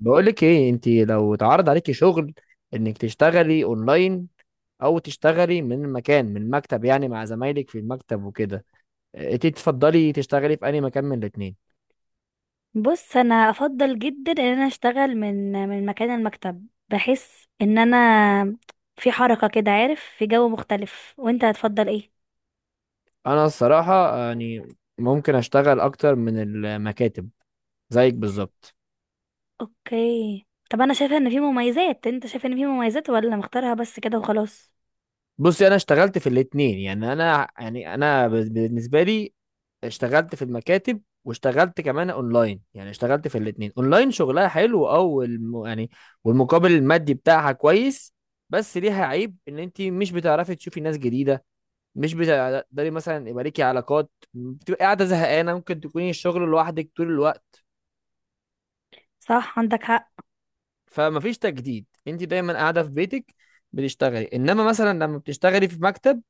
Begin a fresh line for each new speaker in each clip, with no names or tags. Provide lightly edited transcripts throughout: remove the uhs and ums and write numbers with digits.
بقولك ايه؟ انت لو اتعرض عليكي شغل انك تشتغلي اونلاين او تشتغلي من مكان، من مكتب يعني مع زمايلك في المكتب وكده. اه، انت تفضلي تشتغلي في اي مكان من الاتنين؟
بص انا افضل جدا ان انا اشتغل من مكان المكتب. بحس ان انا في حركة كده عارف، في جو مختلف. وانت هتفضل ايه؟
انا الصراحة يعني ممكن اشتغل اكتر من المكاتب، زيك بالظبط.
اوكي، طب انا شايفة ان في مميزات. انت شايف ان في مميزات ولا مختارها بس كده وخلاص؟
بصي، انا اشتغلت في الاتنين، يعني انا بالنسبة لي اشتغلت في المكاتب واشتغلت كمان اونلاين، يعني اشتغلت في الاتنين. اونلاين شغلها حلو، او يعني والمقابل المادي بتاعها كويس، بس ليها عيب ان انت مش بتعرفي تشوفي ناس جديده، مش بتقدري مثلا يبقى ليكي علاقات، بتبقى قاعده زهقانه، ممكن تكوني الشغل لوحدك طول الوقت،
صح، عندك حق.
فمفيش تجديد. انت دايما قاعده في بيتك بتشتغلي، انما مثلا لما بتشتغلي في مكتب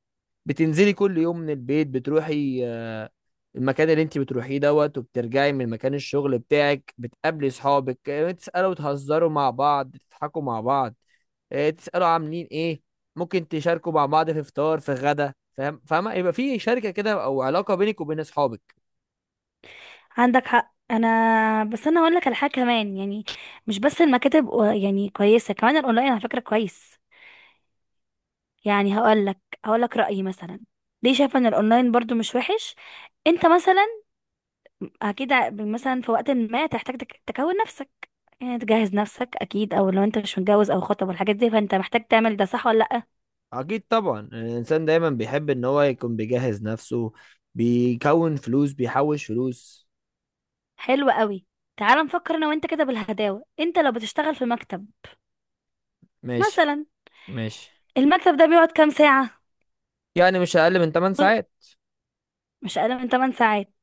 بتنزلي كل يوم من البيت، بتروحي المكان اللي انت بتروحيه دوت، وبترجعي من مكان الشغل بتاعك، بتقابلي صحابك، تسألوا وتهزروا مع بعض، تضحكوا مع بعض، تسألوا عاملين ايه، ممكن تشاركوا مع بعض في فطار، في غدا، فاهم؟ فاهمة؟ يبقى في شركة كده او علاقة بينك وبين اصحابك.
عندك حق، انا بس انا هقول لك على حاجة كمان، يعني مش بس المكاتب يعني كويسة، كمان الاونلاين على فكرة كويس. يعني هقول لك رأيي مثلا، ليه شايفة ان الاونلاين برضو مش وحش. انت مثلا، اكيد مثلا في وقت ما تحتاج تكون نفسك، يعني تجهز نفسك اكيد. او لو انت مش متجوز او خطب والحاجات دي، فانت محتاج تعمل ده. صح ولا لا؟
اكيد طبعا، يعني الانسان دايما بيحب ان هو يكون بيجهز نفسه، بيكون فلوس، بيحوش فلوس.
حلو قوي. تعال نفكر انا وانت كده بالهداوه. انت لو بتشتغل في مكتب
ماشي.
مثلا،
ماشي.
المكتب ده بيقعد كام ساعه؟
يعني مش اقل من 8 ساعات.
مش اقل من 8 ساعات.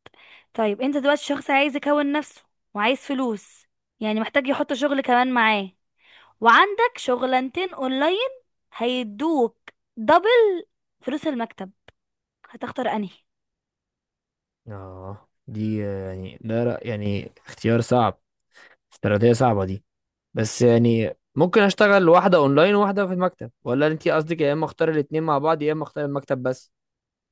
طيب، انت دلوقتي شخص عايز يكون نفسه وعايز فلوس، يعني محتاج يحط شغل كمان معاه. وعندك شغلانتين اونلاين هيدوك دبل فلوس المكتب. هتختار انهي؟
اه دي، يعني يعني اختيار صعب، استراتيجية صعبة دي. بس يعني ممكن اشتغل واحدة اونلاين وواحدة في المكتب، ولا انت قصدك يا اما اختار الاتنين مع بعض يا اما اختار المكتب بس؟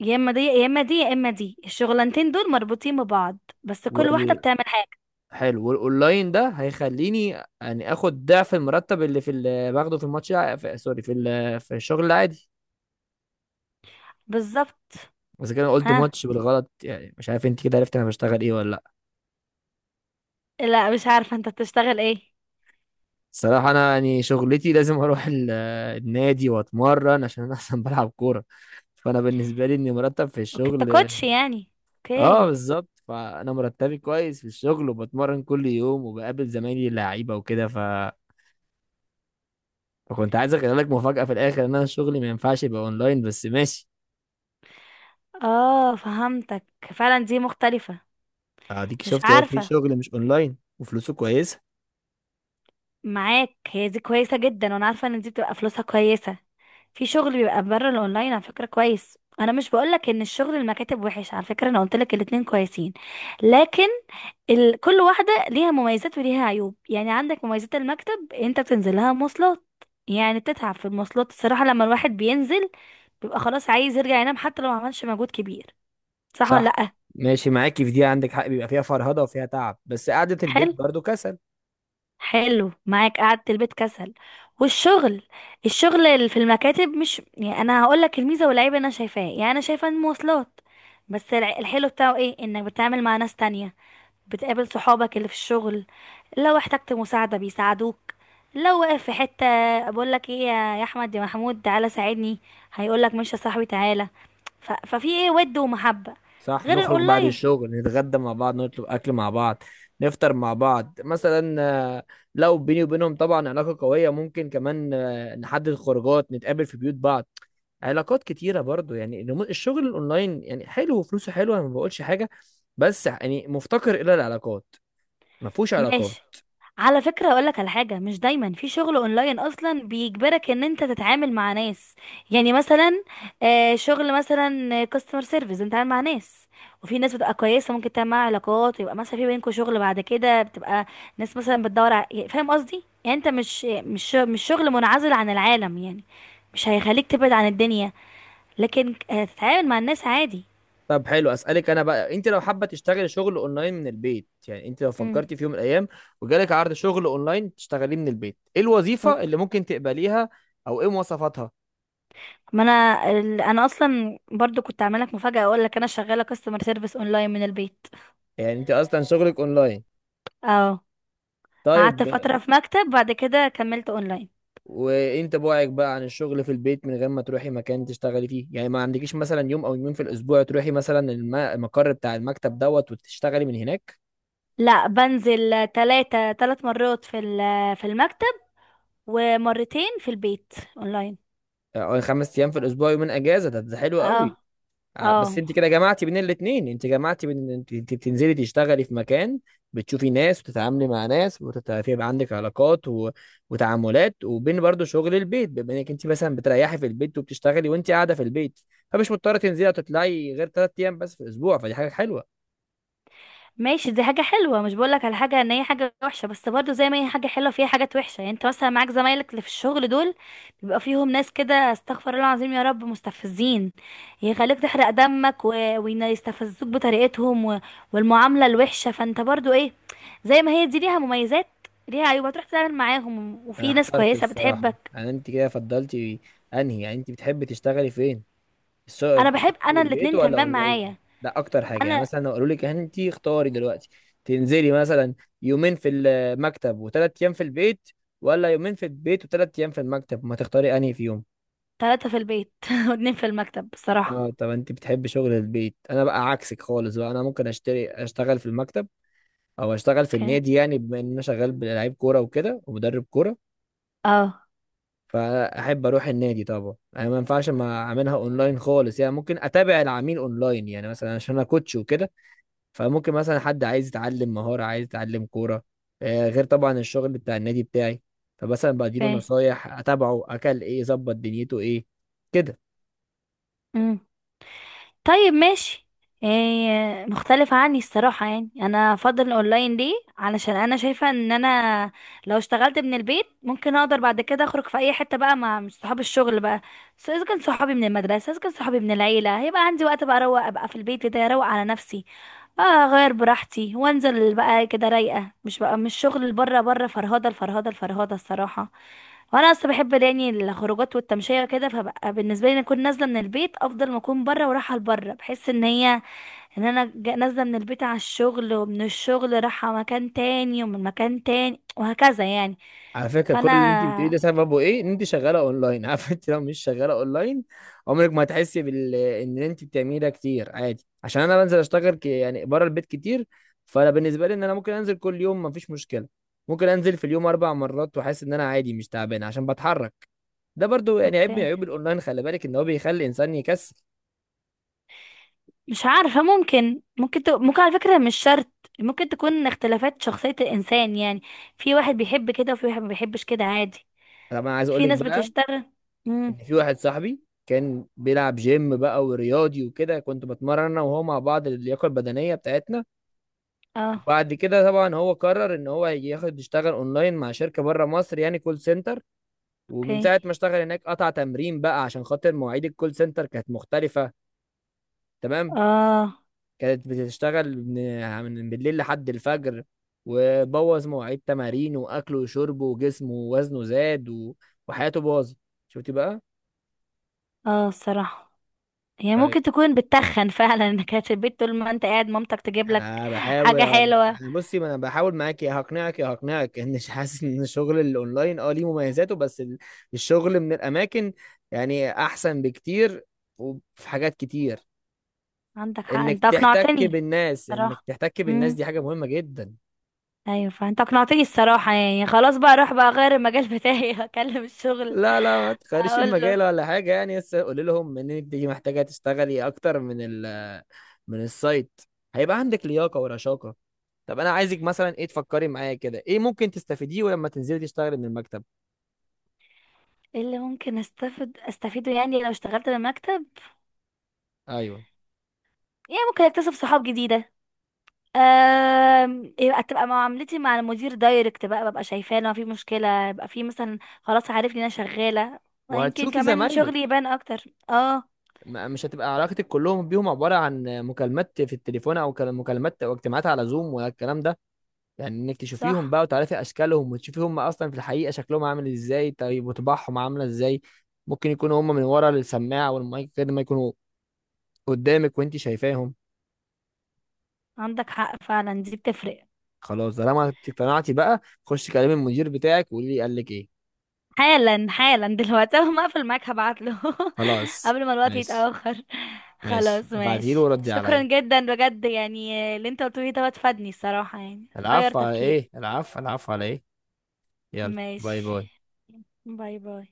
يا اما دي، يا اما دي، يا اما دي. الشغلانتين دول مربوطين ببعض، بس كل واحده
وال...
بتعمل حاجه.
حلو. والاونلاين ده هيخليني يعني اخد ضعف المرتب اللي في باخده في سوري، في في الشغل العادي.
بالظبط.
بس كده أنا قلت
ها.
ماتش بالغلط، يعني مش عارف انت كده عرفت انا بشتغل ايه ولا؟
لا، مش عارفه انت بتشتغل ايه.
الصراحة أنا يعني شغلتي لازم أروح النادي وأتمرن، عشان أنا أصلا بلعب كورة. فأنا بالنسبة لي إني مرتب في
اوكي، انت
الشغل.
كوتش يعني.
أه
اوكي.
بالظبط، فأنا مرتبي كويس في الشغل، وبتمرن كل يوم وبقابل زمايلي اللعيبة وكده. فكنت عايز أخلي لك مفاجأة في الآخر، إن أنا شغلي ما ينفعش يبقى أونلاين بس، ماشي؟
اه، فهمتك. فعلا دي مختلفه.
أديك
مش
شفتي أهو، في
عارفه.
شغل مش أونلاين وفلوسه كويسة.
معاك، هي دي كويسه جدا، وانا عارفه ان دي بتبقى فلوسها كويسه. في شغل بيبقى بره الاونلاين، على فكره كويس. انا مش بقولك ان الشغل المكاتب وحش، على فكره انا قلتلك الاتنين كويسين. لكن كل واحدة ليها مميزات وليها عيوب، يعني عندك مميزات المكتب. انت بتنزل لها مواصلات، يعني بتتعب في المواصلات الصراحة. لما الواحد بينزل بيبقى خلاص عايز يرجع ينام حتى لو ما عملش مجهود كبير. صح ولا
صح،
لأ؟
ماشي معاكي في دي، عندك حق، بيبقى فيها فرهضة وفيها تعب، بس قعدة البيت
حلو.
برضو كسل.
حلو، معاك قعدة البيت كسل. والشغل، الشغل اللي في المكاتب مش، يعني انا هقول لك الميزه والعيب اللي انا شايفاه. يعني انا شايفه المواصلات، بس الحلو بتاعه ايه؟ انك بتتعامل مع ناس تانية، بتقابل صحابك اللي في الشغل. لو احتجت مساعده بيساعدوك، لو واقف في حته بقول لك ايه، يا احمد، يا محمود تعالى ساعدني، هيقول لك ماشي يا صاحبي تعالى. ففي ايه ود ومحبه،
صح،
غير
نخرج بعد
الاونلاين.
الشغل نتغدى مع بعض، نطلب اكل مع بعض، نفطر مع بعض مثلا، آه، لو بيني وبينهم طبعا علاقة قوية، ممكن كمان نحدد خروجات، نتقابل في بيوت بعض، علاقات كتيرة برضو. يعني الشغل الاونلاين يعني حلو وفلوسه حلوة، انا ما بقولش حاجة، بس يعني مفتقر الى العلاقات، ما فيهوش علاقات.
ماشي. على فكرة اقولك على حاجة، مش دايما في شغل اونلاين اصلا بيجبرك ان انت تتعامل مع ناس. يعني مثلا شغل مثلا كاستمر سيرفيس، انت عامل مع ناس. وفي ناس بتبقى كويسة ممكن تعمل معاها علاقات، ويبقى مثلا في بينكوا شغل بعد كده. بتبقى ناس مثلا بتدور يعني فاهم قصدي، يعني انت مش شغل منعزل عن العالم يعني. مش هيخليك تبعد عن الدنيا، لكن هتتعامل مع الناس عادي.
طب حلو، اسالك انا بقى، انت لو حابه تشتغلي شغل اونلاين من البيت، يعني انت لو فكرتي في يوم من الايام وجالك عرض شغل اونلاين تشتغليه من البيت، ايه الوظيفه
امم
اللي ممكن تقبليها او ايه مواصفاتها؟
ما انا اصلا برضو كنت عامله لك مفاجاه، اقول لك انا شغاله كاستمر سيرفيس اونلاين من البيت.
يعني انت اصلا شغلك اونلاين؟
اه،
طيب.
قعدت فتره في مكتب، بعد كده كملت اونلاين.
وانت بعدك بقى عن الشغل في البيت من غير ما تروحي مكان تشتغلي فيه؟ يعني ما عندكيش مثلا يوم او يومين في الاسبوع تروحي مثلا المقر بتاع المكتب دوت وتشتغلي من هناك؟
لا، بنزل 3 مرات في المكتب، ومرتين في البيت اونلاين.
او 5 ايام في الاسبوع، يومين اجازه، ده حلو
اه.
قوي.
اه،
بس انت كده جمعتي بين الاتنين، انت جمعتي بين انت بتنزلي تشتغلي في مكان، بتشوفي ناس وتتعاملي مع ناس وتتعرفي، يبقى عندك علاقات وتعاملات، وبين برضو شغل البيت، بما انك انت مثلا بتريحي في البيت وبتشتغلي وانت قاعده في البيت، فمش مضطره تنزلي وتطلعي غير 3 ايام بس في الاسبوع، فدي حاجه حلوه.
ماشي. دي حاجة حلوة، مش بقولك على حاجة ان هي حاجة وحشة، بس برضو زي ما هي حاجة حلوة فيها حاجات وحشة. يعني انت مثلا معاك زمايلك اللي في الشغل دول، بيبقى فيهم ناس كده، استغفر الله العظيم يا رب، مستفزين، يخليك تحرق دمك ويستفزوك بطريقتهم والمعاملة الوحشة. فانت برضو ايه، زي ما هي دي ليها مميزات ليها عيوب، هتروح تتعامل معاهم
انا
وفي ناس
احترت
كويسة
الصراحه،
بتحبك.
انا انت كده فضلتي انهي؟ يعني انت بتحبي تشتغلي فين؟ السوق
انا
بتشتغل
بحب،
من
انا
البيت
الاتنين
ولا
تمام
اونلاين؟
معايا.
ده اكتر حاجه، يعني
انا
مثلا لو قالوا لك انت اختاري دلوقتي تنزلي مثلا يومين في المكتب وثلاث ايام في البيت، ولا يومين في البيت وثلاث ايام في المكتب، ما تختاري انهي فيهم؟
ثلاثة في البيت واتنين في المكتب بصراحة.
اه، طب انت بتحب شغل البيت. انا بقى عكسك خالص بقى. انا ممكن اشتري اشتغل في المكتب، او اشتغل في
اوكي.
النادي، يعني بما ان انا شغال بلعيب كوره وكده، ومدرب كوره،
اه.
فاحب اروح النادي طبعا. انا ما ينفعش ما اعملها اونلاين خالص، يعني ممكن اتابع العميل اونلاين، يعني مثلا عشان انا كوتش وكده، فممكن مثلا حد عايز يتعلم مهارة، عايز يتعلم كورة، غير طبعا الشغل بتاع النادي بتاعي، فمثلا بديله
اوكي.
نصايح، اتابعه اكل ايه، ظبط دنيته ايه، كده.
مم. طيب، ماشي. إيه مختلف عني الصراحة، يعني أنا أفضل الأونلاين ليه؟ علشان أنا شايفة إن أنا لو اشتغلت من البيت ممكن أقدر بعد كده أخرج في أي حتة بقى، مع مش صحاب الشغل بقى، سواء إذا كان صحابي من المدرسة، إذا كان صحابي من العيلة. هيبقى عندي وقت بقى أروق، أبقى في البيت كده أروق على نفسي. اه، اغير براحتي وانزل بقى كده رايقه، مش شغل اللي بره، بره فرهده، الفرهده الصراحه. وانا اصلا بحب يعني الخروجات والتمشيه وكده، فبقى بالنسبه لي إن اكون نازله من البيت افضل ما اكون بره ورايحه لبره. بحس ان هي ان انا نازله من البيت على الشغل، ومن الشغل رايحه مكان تاني، ومن مكان تاني وهكذا يعني.
على فكرة كل اللي انت بتقوليه ده
فانا،
سببه ايه؟ ان انت شغالة اونلاين. عارف؟ انت لو مش شغالة اونلاين، عمرك ما هتحسي بال ان انت بتعملي ده كتير عادي، عشان انا بنزل اشتغل يعني بره البيت كتير، فانا بالنسبة لي ان انا ممكن انزل كل يوم مفيش مشكلة، ممكن انزل في اليوم 4 مرات واحس ان انا عادي مش تعبان عشان بتحرك. ده برضو يعني عيب من
اوكي.
عيوب الاونلاين، خلي بالك ان هو بيخلي الانسان يكسل.
مش عارفة، ممكن على فكرة مش شرط. ممكن تكون اختلافات شخصية الإنسان يعني، في واحد بيحب كده وفي واحد ما بيحبش كده عادي.
انا ما عايز اقول
في
لك
ناس
بقى
بتشتغل. امم
ان في واحد صاحبي كان بيلعب جيم بقى ورياضي وكده، كنت بتمرن انا وهو مع بعض، اللياقه البدنيه بتاعتنا.
اه،
وبعد كده طبعا هو قرر ان هو ياخد يشتغل اونلاين مع شركه بره مصر، يعني كول سنتر. ومن
اوكي،
ساعه ما اشتغل هناك قطع تمرين بقى، عشان خاطر مواعيد الكول سنتر كانت مختلفه. تمام،
اه،
كانت بتشتغل من بالليل لحد الفجر، وبوظ مواعيد تمارينه واكله وشربه وجسمه، ووزنه زاد وحياته باظت. شفتي بقى؟
اه الصراحة، يعني
أيوة.
ممكن تكون بتتخن فعلا، انك قاعد في البيت طول ما انت قاعد مامتك تجيب لك
انا بحاول
حاجة حلوة.
أنا، بصي، ما انا بحاول معاك، يا هقنعك يا هقنعك ان حاسس ان الشغل الاونلاين اه ليه مميزاته، بس الشغل من الاماكن يعني احسن بكتير، وفي حاجات كتير.
عندك حق،
انك
انت
تحتك
اقنعتني
بالناس، انك
صراحة.
تحتك بالناس
امم
دي حاجة مهمة جدا.
ايوه، فانت اقنعتني الصراحة يعني. خلاص بقى، اروح بقى اغير المجال بتاعي اكلم الشغل،
لا, ما تخيرش
اقول له.
مجال ولا حاجة، يعني بس قولي لهم ان انت محتاجة تشتغلي اكتر من من السايت، هيبقى عندك لياقة ورشاقة. طب انا عايزك مثلا ايه تفكري معايا كده، ايه ممكن تستفيديه ولما تنزلي تشتغلي من المكتب؟
ايه اللي ممكن استفيده يعني لو اشتغلت بمكتب؟
ايوه،
يعني ممكن اكتسب صحاب جديده. يبقى تبقى معاملتي مع المدير دايركت بقى، ببقى شايفاه. لو في مشكله يبقى في مثلا، خلاص عارفني انا شغاله. ويمكن
وهتشوفي
كمان
زمايلك،
شغلي يبان اكتر. اه،
مش هتبقى علاقتك كلهم بيهم عبارة عن مكالمات في التليفون، او مكالمات او اجتماعات على زوم ولا الكلام ده، يعني انك تشوفيهم
صح،
بقى وتعرفي اشكالهم، وتشوفي هم اصلا في الحقيقه شكلهم عامل ازاي، طيب وطباعهم عامله ازاي. ممكن يكونوا هم من ورا السماعه والمايك غير ما يكونوا قدامك وانت شايفاهم.
عندك حق. فعلا دي بتفرق.
خلاص طالما اقتنعتي بقى، خش كلمي المدير بتاعك وقولي لي قال لك ايه.
حالا، حالا دلوقتي اول ما اقفل معاك هبعت له.
خلاص.
قبل ما الوقت
ماشي،
يتاخر.
ماشي
خلاص
ابعتيله
ماشي.
وردي
شكرا
عليا.
جدا بجد، يعني اللي انت قلته لي ده فادني الصراحه، يعني غير
العفو على
تفكيري.
ايه؟ العفو. العفو على ايه؟ يلا،
ماشي،
باي باي.
باي باي.